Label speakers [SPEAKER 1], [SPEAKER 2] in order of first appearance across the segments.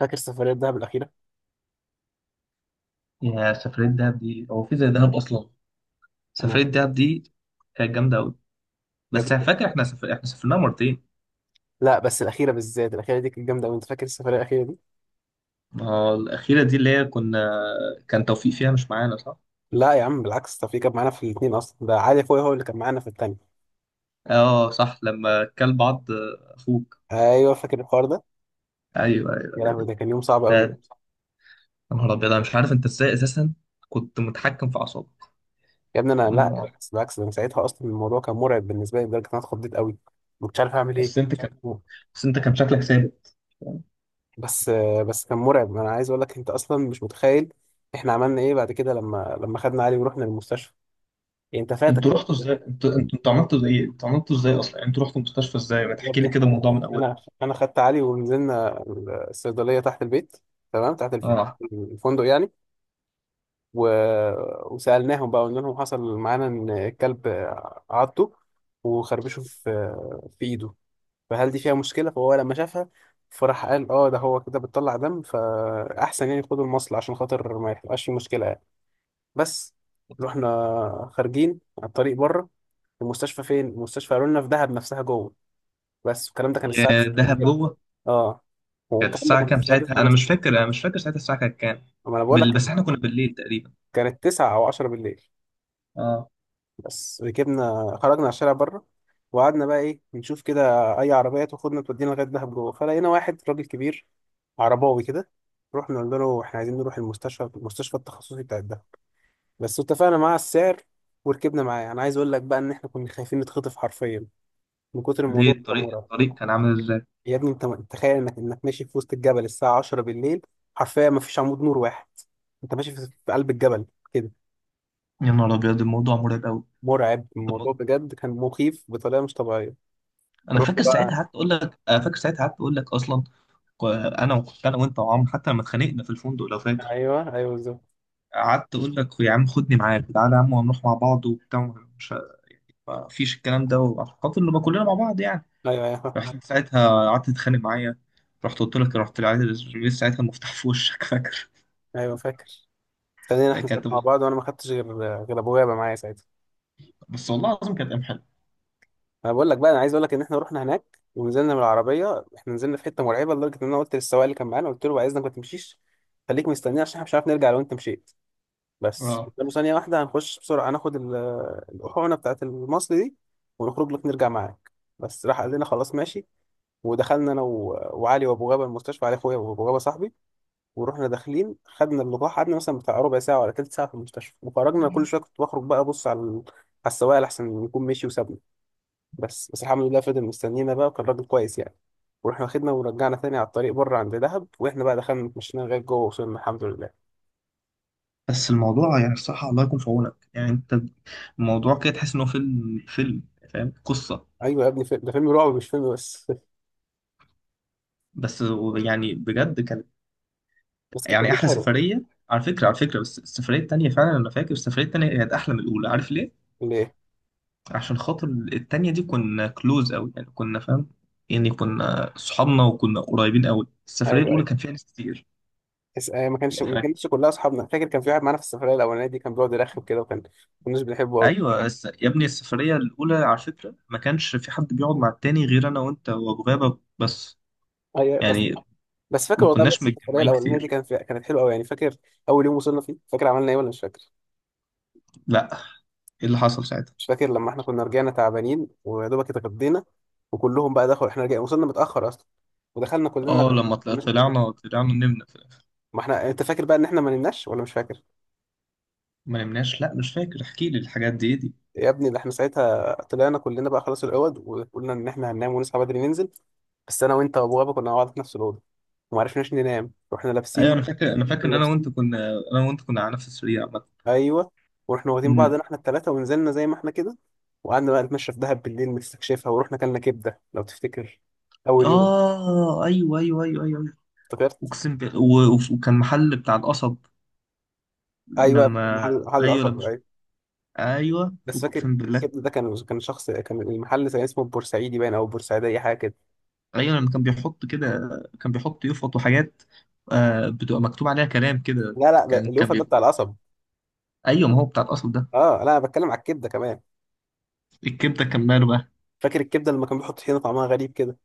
[SPEAKER 1] فاكر السفرية دهب الأخيرة؟
[SPEAKER 2] يا سفرية دهب دي هو في زي دهب أصلا؟
[SPEAKER 1] أنا
[SPEAKER 2] سفرية دهب دي كانت جامدة أوي.
[SPEAKER 1] يا
[SPEAKER 2] بس أنا
[SPEAKER 1] ابني
[SPEAKER 2] فاكر إحنا سافرنا مرتين.
[SPEAKER 1] لا، بس الأخيرة بالذات، الأخيرة دي كانت جامدة أوي. أنت فاكر السفرية الأخيرة دي؟
[SPEAKER 2] ما هو الأخيرة دي اللي هي كنا، كان توفيق فيها مش معانا صح؟
[SPEAKER 1] لا يا عم، بالعكس، ده في كان معانا في الاتنين أصلا، ده علي أخويا هو اللي كان معانا في التانية.
[SPEAKER 2] أه صح، لما كل بعض. أخوك.
[SPEAKER 1] أيوه، فاكر الحوار ده؟
[SPEAKER 2] أيوه
[SPEAKER 1] يا
[SPEAKER 2] أيوه.
[SPEAKER 1] لهوي، ده كان يوم صعب أوي.
[SPEAKER 2] ده يا نهار أبيض، أنا مش عارف أنت إزاي أساسا كنت متحكم في أعصابك.
[SPEAKER 1] يا ابني أنا لا،
[SPEAKER 2] أمم.
[SPEAKER 1] بالعكس بالعكس، ده أنا ساعتها أصلا الموضوع كان مرعب بالنسبة لي لدرجة إن أنا اتخضيت أوي. ما كنتش عارف أعمل
[SPEAKER 2] بس
[SPEAKER 1] إيه.
[SPEAKER 2] أنت كان بس أنت كان شكلك ثابت.
[SPEAKER 1] بس بس كان مرعب، أنا عايز أقول لك أنت أصلا مش متخيل إحنا عملنا إيه بعد كده لما خدنا علي ورحنا المستشفى. يعني أنت فاتك.
[SPEAKER 2] أنتوا رحتوا إزاي؟ أنتوا عملتوا زي إيه؟ أنتوا عملتوا إزاي أصلا؟ يعني أنتوا رحتوا المستشفى إزاي؟ ما
[SPEAKER 1] يا
[SPEAKER 2] تحكي
[SPEAKER 1] ابني
[SPEAKER 2] لي كده
[SPEAKER 1] احنا،
[SPEAKER 2] الموضوع من أوله.
[SPEAKER 1] انا انا خدت علي ونزلنا الصيدليه تحت البيت، تمام،
[SPEAKER 2] أه.
[SPEAKER 1] الفندق يعني. و... وسالناهم بقى، قلنا لهم حصل معانا ان الكلب عضه وخربشه في في ايده، فهل دي فيها مشكله؟ فهو لما شافها، فراح قال اه، ده هو كده بتطلع دم، فاحسن يعني خدوا المصل عشان خاطر ما يبقاش في مشكله يعني. بس رحنا خارجين على الطريق بره، المستشفى فين؟ المستشفى قالوا لنا في دهب نفسها جوه. بس الكلام ده كان الساعة
[SPEAKER 2] يا
[SPEAKER 1] 9
[SPEAKER 2] دهب
[SPEAKER 1] بالليل.
[SPEAKER 2] جوه.
[SPEAKER 1] اه،
[SPEAKER 2] كانت
[SPEAKER 1] والكلام ده
[SPEAKER 2] الساعة
[SPEAKER 1] كان
[SPEAKER 2] كام
[SPEAKER 1] الساعة
[SPEAKER 2] ساعتها؟
[SPEAKER 1] 9
[SPEAKER 2] أنا مش
[SPEAKER 1] مثلا.
[SPEAKER 2] فاكر، أنا مش فاكر ساعتها الساعة كانت كام.
[SPEAKER 1] ما انا بقول لك
[SPEAKER 2] بس
[SPEAKER 1] كان-
[SPEAKER 2] إحنا كنا بالليل تقريبا.
[SPEAKER 1] كانت 9 او 10 بالليل.
[SPEAKER 2] اه.
[SPEAKER 1] بس ركبنا خرجنا على الشارع بره، وقعدنا بقى ايه، نشوف كده اي عربية تاخدنا تودينا لغاية دهب جوه. فلقينا واحد راجل كبير عرباوي كده، رحنا قلنا له احنا عايزين نروح المستشفى، المستشفى التخصصي بتاع الدهب. بس اتفقنا معاه على السعر وركبنا معاه. انا عايز اقول لك بقى ان احنا كنا خايفين نتخطف حرفيا من كتر
[SPEAKER 2] ليه؟
[SPEAKER 1] الموضوع، كان
[SPEAKER 2] الطريق
[SPEAKER 1] مرعب.
[SPEAKER 2] الطريق كان عامل إزاي؟
[SPEAKER 1] يا ابني انت، تخيل انك ماشي في وسط الجبل الساعة 10 بالليل، حرفيا ما فيش عمود نور واحد، انت ماشي في في قلب الجبل كده.
[SPEAKER 2] يا نهار ابيض، الموضوع مرعب قوي.
[SPEAKER 1] مرعب الموضوع بجد، كان مخيف بطريقة مش طبيعية. رحت بقى،
[SPEAKER 2] انا فاكر ساعتها قعدت اقول لك اصلا. انا وكنت انا وانت وعمرو، حتى لما اتخانقنا في الفندق لو فاكر.
[SPEAKER 1] ايوه ايوه بالظبط.
[SPEAKER 2] قعدت اقول لك يا عم خدني معاك، تعالى يا عم وهنروح مع بعض وبتاع، مش، ما فيش الكلام ده، وعشان خاطر نبقى كلنا مع بعض يعني.
[SPEAKER 1] ايوه ايوه
[SPEAKER 2] رحت ساعتها قعدت تتخانق معايا. رحت قلت لك، رحت لعايز ساعتها المفتاح في وشك فاكر.
[SPEAKER 1] ايوه فاكر. خلينا احنا
[SPEAKER 2] كانت،
[SPEAKER 1] ساعتنا مع بعض وانا ما خدتش غير، غير ابويا بقى معايا ساعتها.
[SPEAKER 2] بس والله العظيم كانت ايام حلوه.
[SPEAKER 1] انا بقول لك بقى، انا عايز اقول لك ان احنا رحنا هناك ونزلنا من العربية، احنا نزلنا في حتة مرعبة لدرجة ان انا قلت للسواق اللي كان معانا، قلت له بعد اذنك ما تمشيش، خليك مستنيني عشان احنا مش عارف نرجع لو انت مشيت. بس
[SPEAKER 2] اه.
[SPEAKER 1] استنوا ثانية واحدة، هنخش بسرعة هناخد الأحونة بتاعت المصل دي ونخرج لك نرجع معاك. بس راح قال لنا خلاص ماشي. ودخلنا وعلي وأبو غابة المستشفى، علي أخويا وأبو غابة صاحبي. ورحنا داخلين خدنا اللقاح، قعدنا مثلا بتاع ربع ساعة ولا تلت ساعة في المستشفى وخرجنا. كل شوية كنت بخرج بقى أبص على على السواق لأحسن يكون مشي وسابنا. بس الحمد لله فضل مستنينا بقى، وكان راجل كويس يعني. ورحنا واخدنا ورجعنا تاني على الطريق بره عند دهب، واحنا بقى دخلنا اتمشينا لغايه جوه، وصلنا الحمد لله.
[SPEAKER 2] بس الموضوع يعني الصراحة الله يكون في عونك يعني انت. الموضوع كده تحس ان هو فيلم، فاهم قصة.
[SPEAKER 1] ايوه يا ابني، ده فيلم رعب مش فيلم بس.
[SPEAKER 2] بس يعني بجد كانت،
[SPEAKER 1] بس كانت
[SPEAKER 2] يعني
[SPEAKER 1] تجربة
[SPEAKER 2] احلى
[SPEAKER 1] حلوة.
[SPEAKER 2] سفرية. على فكرة، بس السفرية التانية فعلا، انا فاكر السفرية التانية كانت احلى من الاولى، عارف ليه؟
[SPEAKER 1] ليه؟
[SPEAKER 2] عشان خاطر التانية دي كنا كلوز قوي يعني، كنا فاهم يعني، كنا صحابنا وكنا قريبين قوي. السفرية
[SPEAKER 1] ايوه
[SPEAKER 2] الاولى
[SPEAKER 1] ايوه.
[SPEAKER 2] كان فيها ناس كتير
[SPEAKER 1] بس آه،
[SPEAKER 2] لو
[SPEAKER 1] ما
[SPEAKER 2] فاكر.
[SPEAKER 1] كانتش كلها اصحابنا. فاكر كان في واحد معانا في السفرية الأولانية دي كان بيقعد يرخم كده، وكان ما كناش بنحبه قوي.
[SPEAKER 2] ايوه، يا ابني السفرية الاولى على فكرة ما كانش في حد بيقعد مع التاني غير انا وانت وابو غابة بس،
[SPEAKER 1] ايوه، بس
[SPEAKER 2] يعني
[SPEAKER 1] بس فاكر
[SPEAKER 2] ما
[SPEAKER 1] والله بقى
[SPEAKER 2] كناش
[SPEAKER 1] السفرية
[SPEAKER 2] متجمعين
[SPEAKER 1] الأولانية دي
[SPEAKER 2] كتير.
[SPEAKER 1] كانت حلوة قوي يعني. فاكر أول يوم وصلنا فيه، فاكر عملنا ايه ولا مش فاكر؟
[SPEAKER 2] لا. ايه اللي حصل ساعتها؟
[SPEAKER 1] مش فاكر لما احنا كنا رجعنا تعبانين ويا دوبك اتغدينا، وكلهم بقى دخلوا، احنا رجعنا وصلنا متأخر أصلا، ودخلنا كلنا
[SPEAKER 2] اه، لما
[SPEAKER 1] قد كده.
[SPEAKER 2] طلعنا، طلعنا نمنا في الاخر.
[SPEAKER 1] ما احنا انت فاكر بقى ان احنا ما نمناش ولا مش فاكر؟
[SPEAKER 2] ما نمناش، لا، مش فاكر، احكي لي الحاجات دي إيه دي.
[SPEAKER 1] يا ابني ده احنا ساعتها طلعنا كلنا بقى خلاص العوض، وقلنا ان احنا هننام ونصحى بدري ننزل. بس انا وانت وابو غابه كنا مع بعض في نفس الاوضه، وما عرفناش ننام واحنا
[SPEAKER 2] ايوه
[SPEAKER 1] لابسين.
[SPEAKER 2] انا فاكر،
[SPEAKER 1] كنا
[SPEAKER 2] ان
[SPEAKER 1] لابسين
[SPEAKER 2] انا وانت كنا على نفس السرير عامه.
[SPEAKER 1] ايوه. ورحنا واخدين
[SPEAKER 2] أمم.
[SPEAKER 1] بعضنا احنا الثلاثه ونزلنا زي ما احنا كده، وقعدنا بقى نتمشى في دهب بالليل نستكشفها، ورحنا كلنا كبده لو تفتكر، اول يوم.
[SPEAKER 2] اه، ايوه ايوه ايوه ايوه أيوة.
[SPEAKER 1] افتكرت.
[SPEAKER 2] اقسم بالله وكان محل بتاع القصب
[SPEAKER 1] ايوه
[SPEAKER 2] لما.
[SPEAKER 1] محل، محل
[SPEAKER 2] ايوه
[SPEAKER 1] القصب
[SPEAKER 2] لما.
[SPEAKER 1] ايوه.
[SPEAKER 2] ايوه
[SPEAKER 1] بس فاكر،
[SPEAKER 2] اقسم بالله.
[SPEAKER 1] كبده ده كان، كان شخص كان المحل كان اسمه بورسعيدي باين او بورسعيدي حاجه كده.
[SPEAKER 2] ايوه لما كان بيحط كده، كان بيحط يفط وحاجات. آه، بتبقى مكتوب عليها كلام كده.
[SPEAKER 1] لا لا، ده
[SPEAKER 2] كان كان
[SPEAKER 1] اليوفا ده بتاع
[SPEAKER 2] بيبقى.
[SPEAKER 1] القصب.
[SPEAKER 2] ايوه ما هو بتاع القصب ده.
[SPEAKER 1] اه لا، انا بتكلم على الكبده كمان.
[SPEAKER 2] الكبده كان ماله بقى؟
[SPEAKER 1] فاكر الكبده لما كان بيحط طحينه طعمها غريب كده.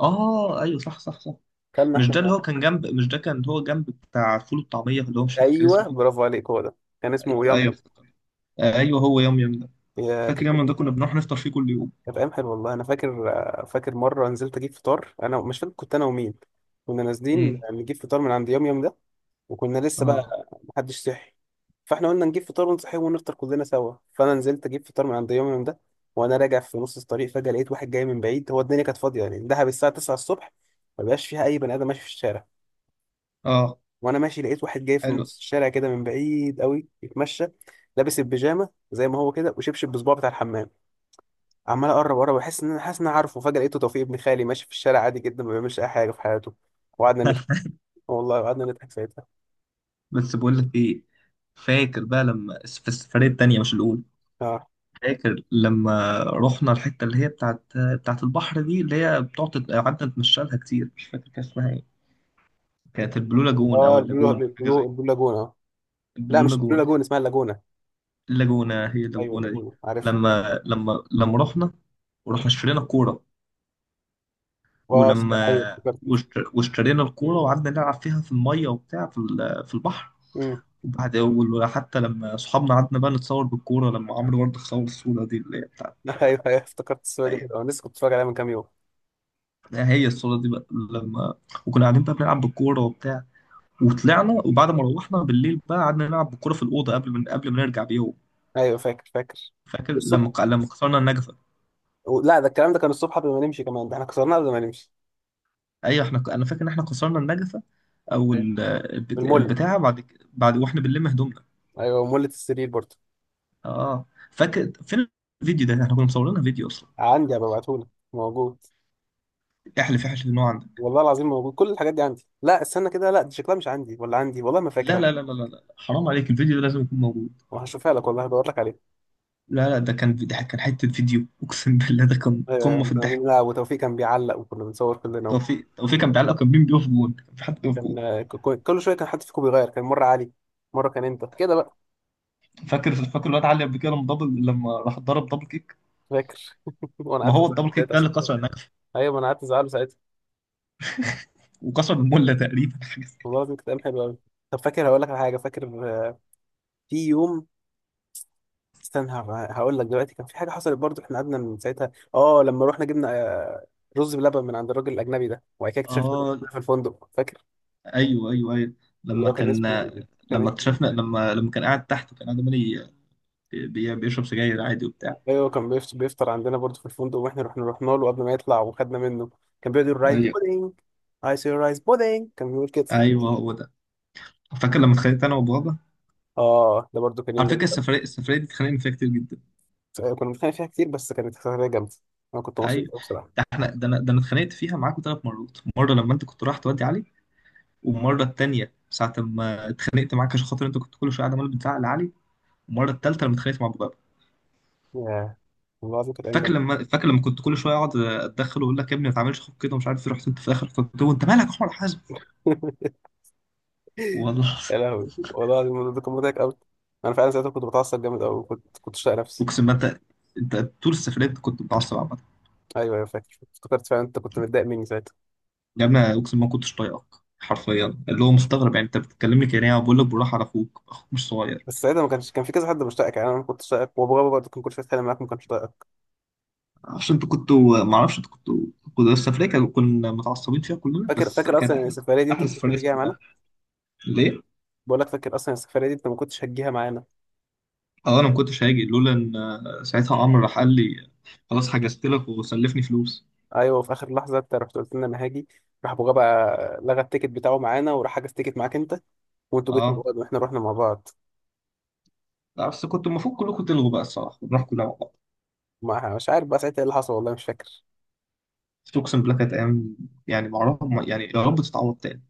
[SPEAKER 2] اه ايوه صح صح صح.
[SPEAKER 1] كلنا
[SPEAKER 2] مش
[SPEAKER 1] احنا
[SPEAKER 2] ده اللي
[SPEAKER 1] مع-
[SPEAKER 2] هو كان جنب، مش ده كان هو جنب بتاع فول والطعميه، اللي هو مش فاكر كان اسمه
[SPEAKER 1] ايوه
[SPEAKER 2] ايه.
[SPEAKER 1] برافو عليك، هو ده. كان اسمه يام
[SPEAKER 2] ايوه
[SPEAKER 1] يام.
[SPEAKER 2] افتكرت. ايوه، هو يوم يوم ده.
[SPEAKER 1] يا
[SPEAKER 2] فاكر
[SPEAKER 1] كانت،
[SPEAKER 2] يوم ده كنا بنروح نفطر فيه كل يوم؟
[SPEAKER 1] كانت ايام حلوه والله انا فاكر. فاكر مره نزلت اجيب فطار، انا مش فاكر كنت انا ومين، كنا نازلين
[SPEAKER 2] امم.
[SPEAKER 1] نجيب فطار من عند يام يام ده، وكنا لسه
[SPEAKER 2] اه
[SPEAKER 1] بقى محدش صحي. فاحنا قلنا نجيب فطار ونصحي ونفطر كلنا سوا. فانا نزلت اجيب فطار من عند يوم يوم ده، وانا راجع في نص الطريق فجاه لقيت واحد جاي من بعيد. هو الدنيا كانت فاضيه يعني، دهب الساعه 9 الصبح ما بقاش فيها اي بني ادم ماشي في الشارع.
[SPEAKER 2] اه
[SPEAKER 1] وانا ماشي لقيت واحد جاي في
[SPEAKER 2] حلو.
[SPEAKER 1] نص الشارع كده من بعيد قوي بيتمشى، لابس البيجامه زي ما هو كده وشبشب بصباعه بتاع الحمام. عمال اقرب اقرب، احس ان انا حاسس ان انا عارفه، فجاه لقيته توفيق ابن خالي ماشي في الشارع عادي جدا ما بيعملش اي حاجه في حياته. وقعدنا نضحك. والله قعدنا نضحك ساعتها.
[SPEAKER 2] بس بقول لك ايه. فاكر بقى لما في السفريه التانيه مش الاولى؟
[SPEAKER 1] اه
[SPEAKER 2] فاكر لما رحنا الحته اللي هي بتاعت البحر دي، اللي هي بتقعد قعدنا نتمشى لها كتير، مش فاكر كان اسمها ايه. كانت البلو لاجون
[SPEAKER 1] اه،
[SPEAKER 2] او
[SPEAKER 1] البلو
[SPEAKER 2] اللاجون حاجه
[SPEAKER 1] البلو
[SPEAKER 2] زي
[SPEAKER 1] البلو لاجون اه. لا
[SPEAKER 2] البلو
[SPEAKER 1] مش البلو
[SPEAKER 2] لاجون.
[SPEAKER 1] لاجون، اسمها اللاجونه.
[SPEAKER 2] اللاجونة، هي
[SPEAKER 1] ايوه
[SPEAKER 2] اللاجونة دي.
[SPEAKER 1] اللاجونه، عارف.
[SPEAKER 2] لما ورحنا اشترينا الكورة،
[SPEAKER 1] اه ايوه
[SPEAKER 2] ولما
[SPEAKER 1] افتكرت.
[SPEAKER 2] واشترينا الكورة وقعدنا نلعب فيها في المية وبتاع، في في البحر.
[SPEAKER 1] امم.
[SPEAKER 2] وحتى لما صحابنا قعدنا بقى نتصور بالكورة، لما عمرو برضه صور الصورة دي اللي هي بتاعت.
[SPEAKER 1] ايوه ايوه افتكرت الصوره دي
[SPEAKER 2] هي
[SPEAKER 1] حلوه، أنا لسه كنت بتفرج عليها من كام يوم.
[SPEAKER 2] هي الصورة دي بقى لما وكنا قاعدين بقى بنلعب بالكورة وبتاع، وطلعنا وبعد ما روحنا بالليل بقى قعدنا نلعب بالكورة في الأوضة، من قبل ما نرجع بيوم.
[SPEAKER 1] ايوه فاكر فاكر.
[SPEAKER 2] فاكر
[SPEAKER 1] الصبح،
[SPEAKER 2] لما لما كسرنا النجف؟
[SPEAKER 1] لا ده الكلام ده كان الصبح قبل ما نمشي كمان، ده احنا كسرناه قبل ما نمشي.
[SPEAKER 2] ايوه احنا انا فاكر ان احنا كسرنا النجفه، او
[SPEAKER 1] المله.
[SPEAKER 2] البتاعه، بعد واحنا بنلم هدومنا.
[SPEAKER 1] ايوه مله السرير برضه.
[SPEAKER 2] اه فاكر فين؟ الفيديو ده احنا كنا مصورينها فيديو اصلا.
[SPEAKER 1] عندي هبعتهولك، موجود.
[SPEAKER 2] احلف ان هو عندك.
[SPEAKER 1] والله العظيم موجود كل الحاجات دي عندي. لا استنى كده، لا دي شكلها مش عندي ولا عندي والله، ما
[SPEAKER 2] لا
[SPEAKER 1] فاكر.
[SPEAKER 2] لا لا لا لا لا. حرام عليك، الفيديو ده لازم يكون موجود.
[SPEAKER 1] هشوفها لك والله، هدور لك عليها.
[SPEAKER 2] لا لا، ده كان حته فيديو اقسم بالله، ده كان قمه
[SPEAKER 1] آه
[SPEAKER 2] في
[SPEAKER 1] يعني،
[SPEAKER 2] الضحك.
[SPEAKER 1] لا، وتوفيق كان بيعلق وكنا بنصور كلنا.
[SPEAKER 2] توفيق كان بيعلق، كان مين بيقف جون؟ كان في حد بيقف
[SPEAKER 1] كان
[SPEAKER 2] جون.
[SPEAKER 1] آه، كل شويه كان حد فيكم بيغير، كان مره علي، مره كان انت كده بقى.
[SPEAKER 2] فاكر الواد علي قبل كده لما دبل، لما راح ضرب دبل كيك.
[SPEAKER 1] فاكر. وانا
[SPEAKER 2] ما
[SPEAKER 1] قعدت
[SPEAKER 2] هو
[SPEAKER 1] ازعل
[SPEAKER 2] الدبل كيك
[SPEAKER 1] ساعتها
[SPEAKER 2] ده اللي
[SPEAKER 1] عشان خاطر،
[SPEAKER 2] كسر النجفه،
[SPEAKER 1] ايوه ما انا قعدت ازعله ساعتها.
[SPEAKER 2] وكسر المله تقريبا، حاجه
[SPEAKER 1] والله
[SPEAKER 2] كده.
[SPEAKER 1] العظيم كانت ايام حلوه قوي. طب فاكر هقول لك على حاجه، فاكر آه، في يوم، هقول لك دلوقتي. كان في حاجه حصلت برضو، احنا قعدنا من ساعتها اه لما رحنا جبنا آه، رز بلبن من عند الراجل الاجنبي ده، وبعد كده اكتشفنا إنه
[SPEAKER 2] اه
[SPEAKER 1] كان في الفندق فاكر.
[SPEAKER 2] ايوه ايوه ايوه،
[SPEAKER 1] اللي
[SPEAKER 2] لما
[SPEAKER 1] هو كان
[SPEAKER 2] كان،
[SPEAKER 1] اسمه، كان
[SPEAKER 2] لما
[SPEAKER 1] اسمه.
[SPEAKER 2] اكتشفنا لما لما كان قاعد تحت، كان قاعد عمال بيشرب سجاير عادي وبتاع.
[SPEAKER 1] ايوه بيفطر عندنا برضو في الفندق، واحنا رحنا، رحنا له قبل ما يطلع وخدنا منه. كان بيقعد يقول رايس
[SPEAKER 2] ايوه
[SPEAKER 1] بودينج، اي سي رايس بودينج كان بيقول كده.
[SPEAKER 2] ايوه هو ده. فاكر لما اتخانقت انا وبابا؟
[SPEAKER 1] اه، ده برضو كان يوم
[SPEAKER 2] على فكره
[SPEAKER 1] جامد
[SPEAKER 2] السفريه دي اتخانقنا فيها كتير جدا.
[SPEAKER 1] أوي. كنا بنتخانق فيها كتير بس كانت سفريه جامده، انا كنت مبسوط
[SPEAKER 2] ايوه
[SPEAKER 1] أوي
[SPEAKER 2] ده
[SPEAKER 1] بصراحه.
[SPEAKER 2] احنا، ده انا اتخانقت فيها معاكم ثلاث مرات. مره لما انت كنت رايح تودي علي، والمره الثانيه ساعه ما اتخانقت معاك عشان خاطر انت كنت كل شويه قاعد عمال بتزعق لعلي، والمره الثالثه لما اتخانقت مع بابا.
[SPEAKER 1] ياه، والله العظيم كانت ايام جامده.
[SPEAKER 2] فاكر لما كنت كل شويه اقعد اتدخل واقول لك يا ابني ما تعملش اخوك كده ومش عارف إيه، رحت انت في الاخر فقلت له انت مالك يا احمد حازم. والله.
[SPEAKER 1] يا لهوي والله العظيم الموضوع ده كان مضحك قوي. انا فعلا ساعتها كنت بتعصب جامد قوي، كنت شايل نفسي.
[SPEAKER 2] اقسم بالله انت طول السفريه انت كنت متعصب عامه.
[SPEAKER 1] ايوه ايوه فاكر، افتكرت فعلا انت كنت متضايق مني ساعتها.
[SPEAKER 2] يا ابني اقسم ما كنتش طايقك حرفيا، اللي هو مستغرب يعني انت بتكلمني كده، يعني بقول لك بالراحه على اخوك، اخوك مش صغير.
[SPEAKER 1] بس ساعتها ما كانش، كان في كذا حد مشتاقك يعني، انا ما كنتش طايقك، وبابا برضه كان كل شويه يتكلم معاك، ما كانش طايقك.
[SPEAKER 2] عشان انتوا كنتوا ما اعرفش انتوا كنتوا كنت السفريه، كنا متعصبين فيها كلنا
[SPEAKER 1] فاكر
[SPEAKER 2] بس
[SPEAKER 1] فاكر
[SPEAKER 2] كانت
[SPEAKER 1] اصلا إن
[SPEAKER 2] احلى
[SPEAKER 1] السفريه دي انت
[SPEAKER 2] احلى
[SPEAKER 1] ما كنتش
[SPEAKER 2] سفريه
[SPEAKER 1] هتجيها معانا.
[SPEAKER 2] سافرناها. ليه؟
[SPEAKER 1] بقول لك فاكر اصلا السفريه دي انت ما كنتش هتجيها معانا.
[SPEAKER 2] اه، انا ما كنتش هاجي لولا ان، ساعتها عمرو راح قال لي خلاص حجزت لك وسلفني فلوس.
[SPEAKER 1] ايوه في اخر لحظه انت رحت قلت لنا انا هاجي. راح ابو غابه لغى التيكت بتاعه معانا، وراح حجز تيكت معاك انت، وانتوا جيتوا من
[SPEAKER 2] اه،
[SPEAKER 1] بعض واحنا رحنا مع بعض.
[SPEAKER 2] لا، بس كنت المفروض كلكم تلغوا بقى الصراحه ونروح كلنا مع بعض.
[SPEAKER 1] ما مش عارف بقى ساعتها ايه اللي حصل والله، مش فاكر.
[SPEAKER 2] بس اقسم بالله كانت ايام، يعني ما اعرف يعني، يا رب تتعوض تاني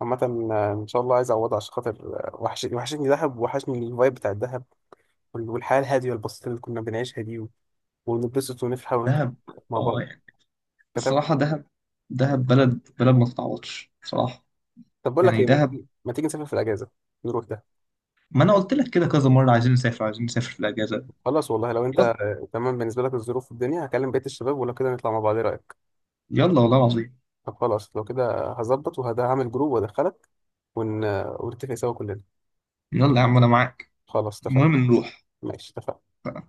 [SPEAKER 1] عامة آه، إن شاء الله عايز أعوضها، عشان خاطر آه، وحشني، وحشتني دهب، وحشني الفايب بتاع الدهب والحياة الهادية البسيطة اللي كنا بنعيشها دي ونتبسط ونفرح ونضحك
[SPEAKER 2] دهب.
[SPEAKER 1] مع
[SPEAKER 2] اه،
[SPEAKER 1] بعض. تمام.
[SPEAKER 2] الصراحة دهب، بلد ما تتعوضش بصراحة،
[SPEAKER 1] طب بقول لك
[SPEAKER 2] يعني
[SPEAKER 1] إيه، ما
[SPEAKER 2] دهب.
[SPEAKER 1] تيجي، ما تيجي نسافر في الأجازة، نروح ده.
[SPEAKER 2] ما أنا قلت لك كده كذا مرة، عايزين نسافر، عايزين نسافر في الأجازة.
[SPEAKER 1] خلاص والله لو أنت
[SPEAKER 2] يلا،
[SPEAKER 1] آه، تمام بالنسبة لك الظروف والدنيا، هكلم بقية الشباب ولو كده نطلع مع بعض. إيه رأيك؟
[SPEAKER 2] يلا والله العظيم.
[SPEAKER 1] طب خلاص لو كده هظبط وهعمل جروب وأدخلك، آه، ونتفق سوا كلنا.
[SPEAKER 2] يلا يا عم أنا معاك.
[SPEAKER 1] خلاص اتفقنا.
[SPEAKER 2] المهم نروح
[SPEAKER 1] ماشي اتفقنا.
[SPEAKER 2] بقى.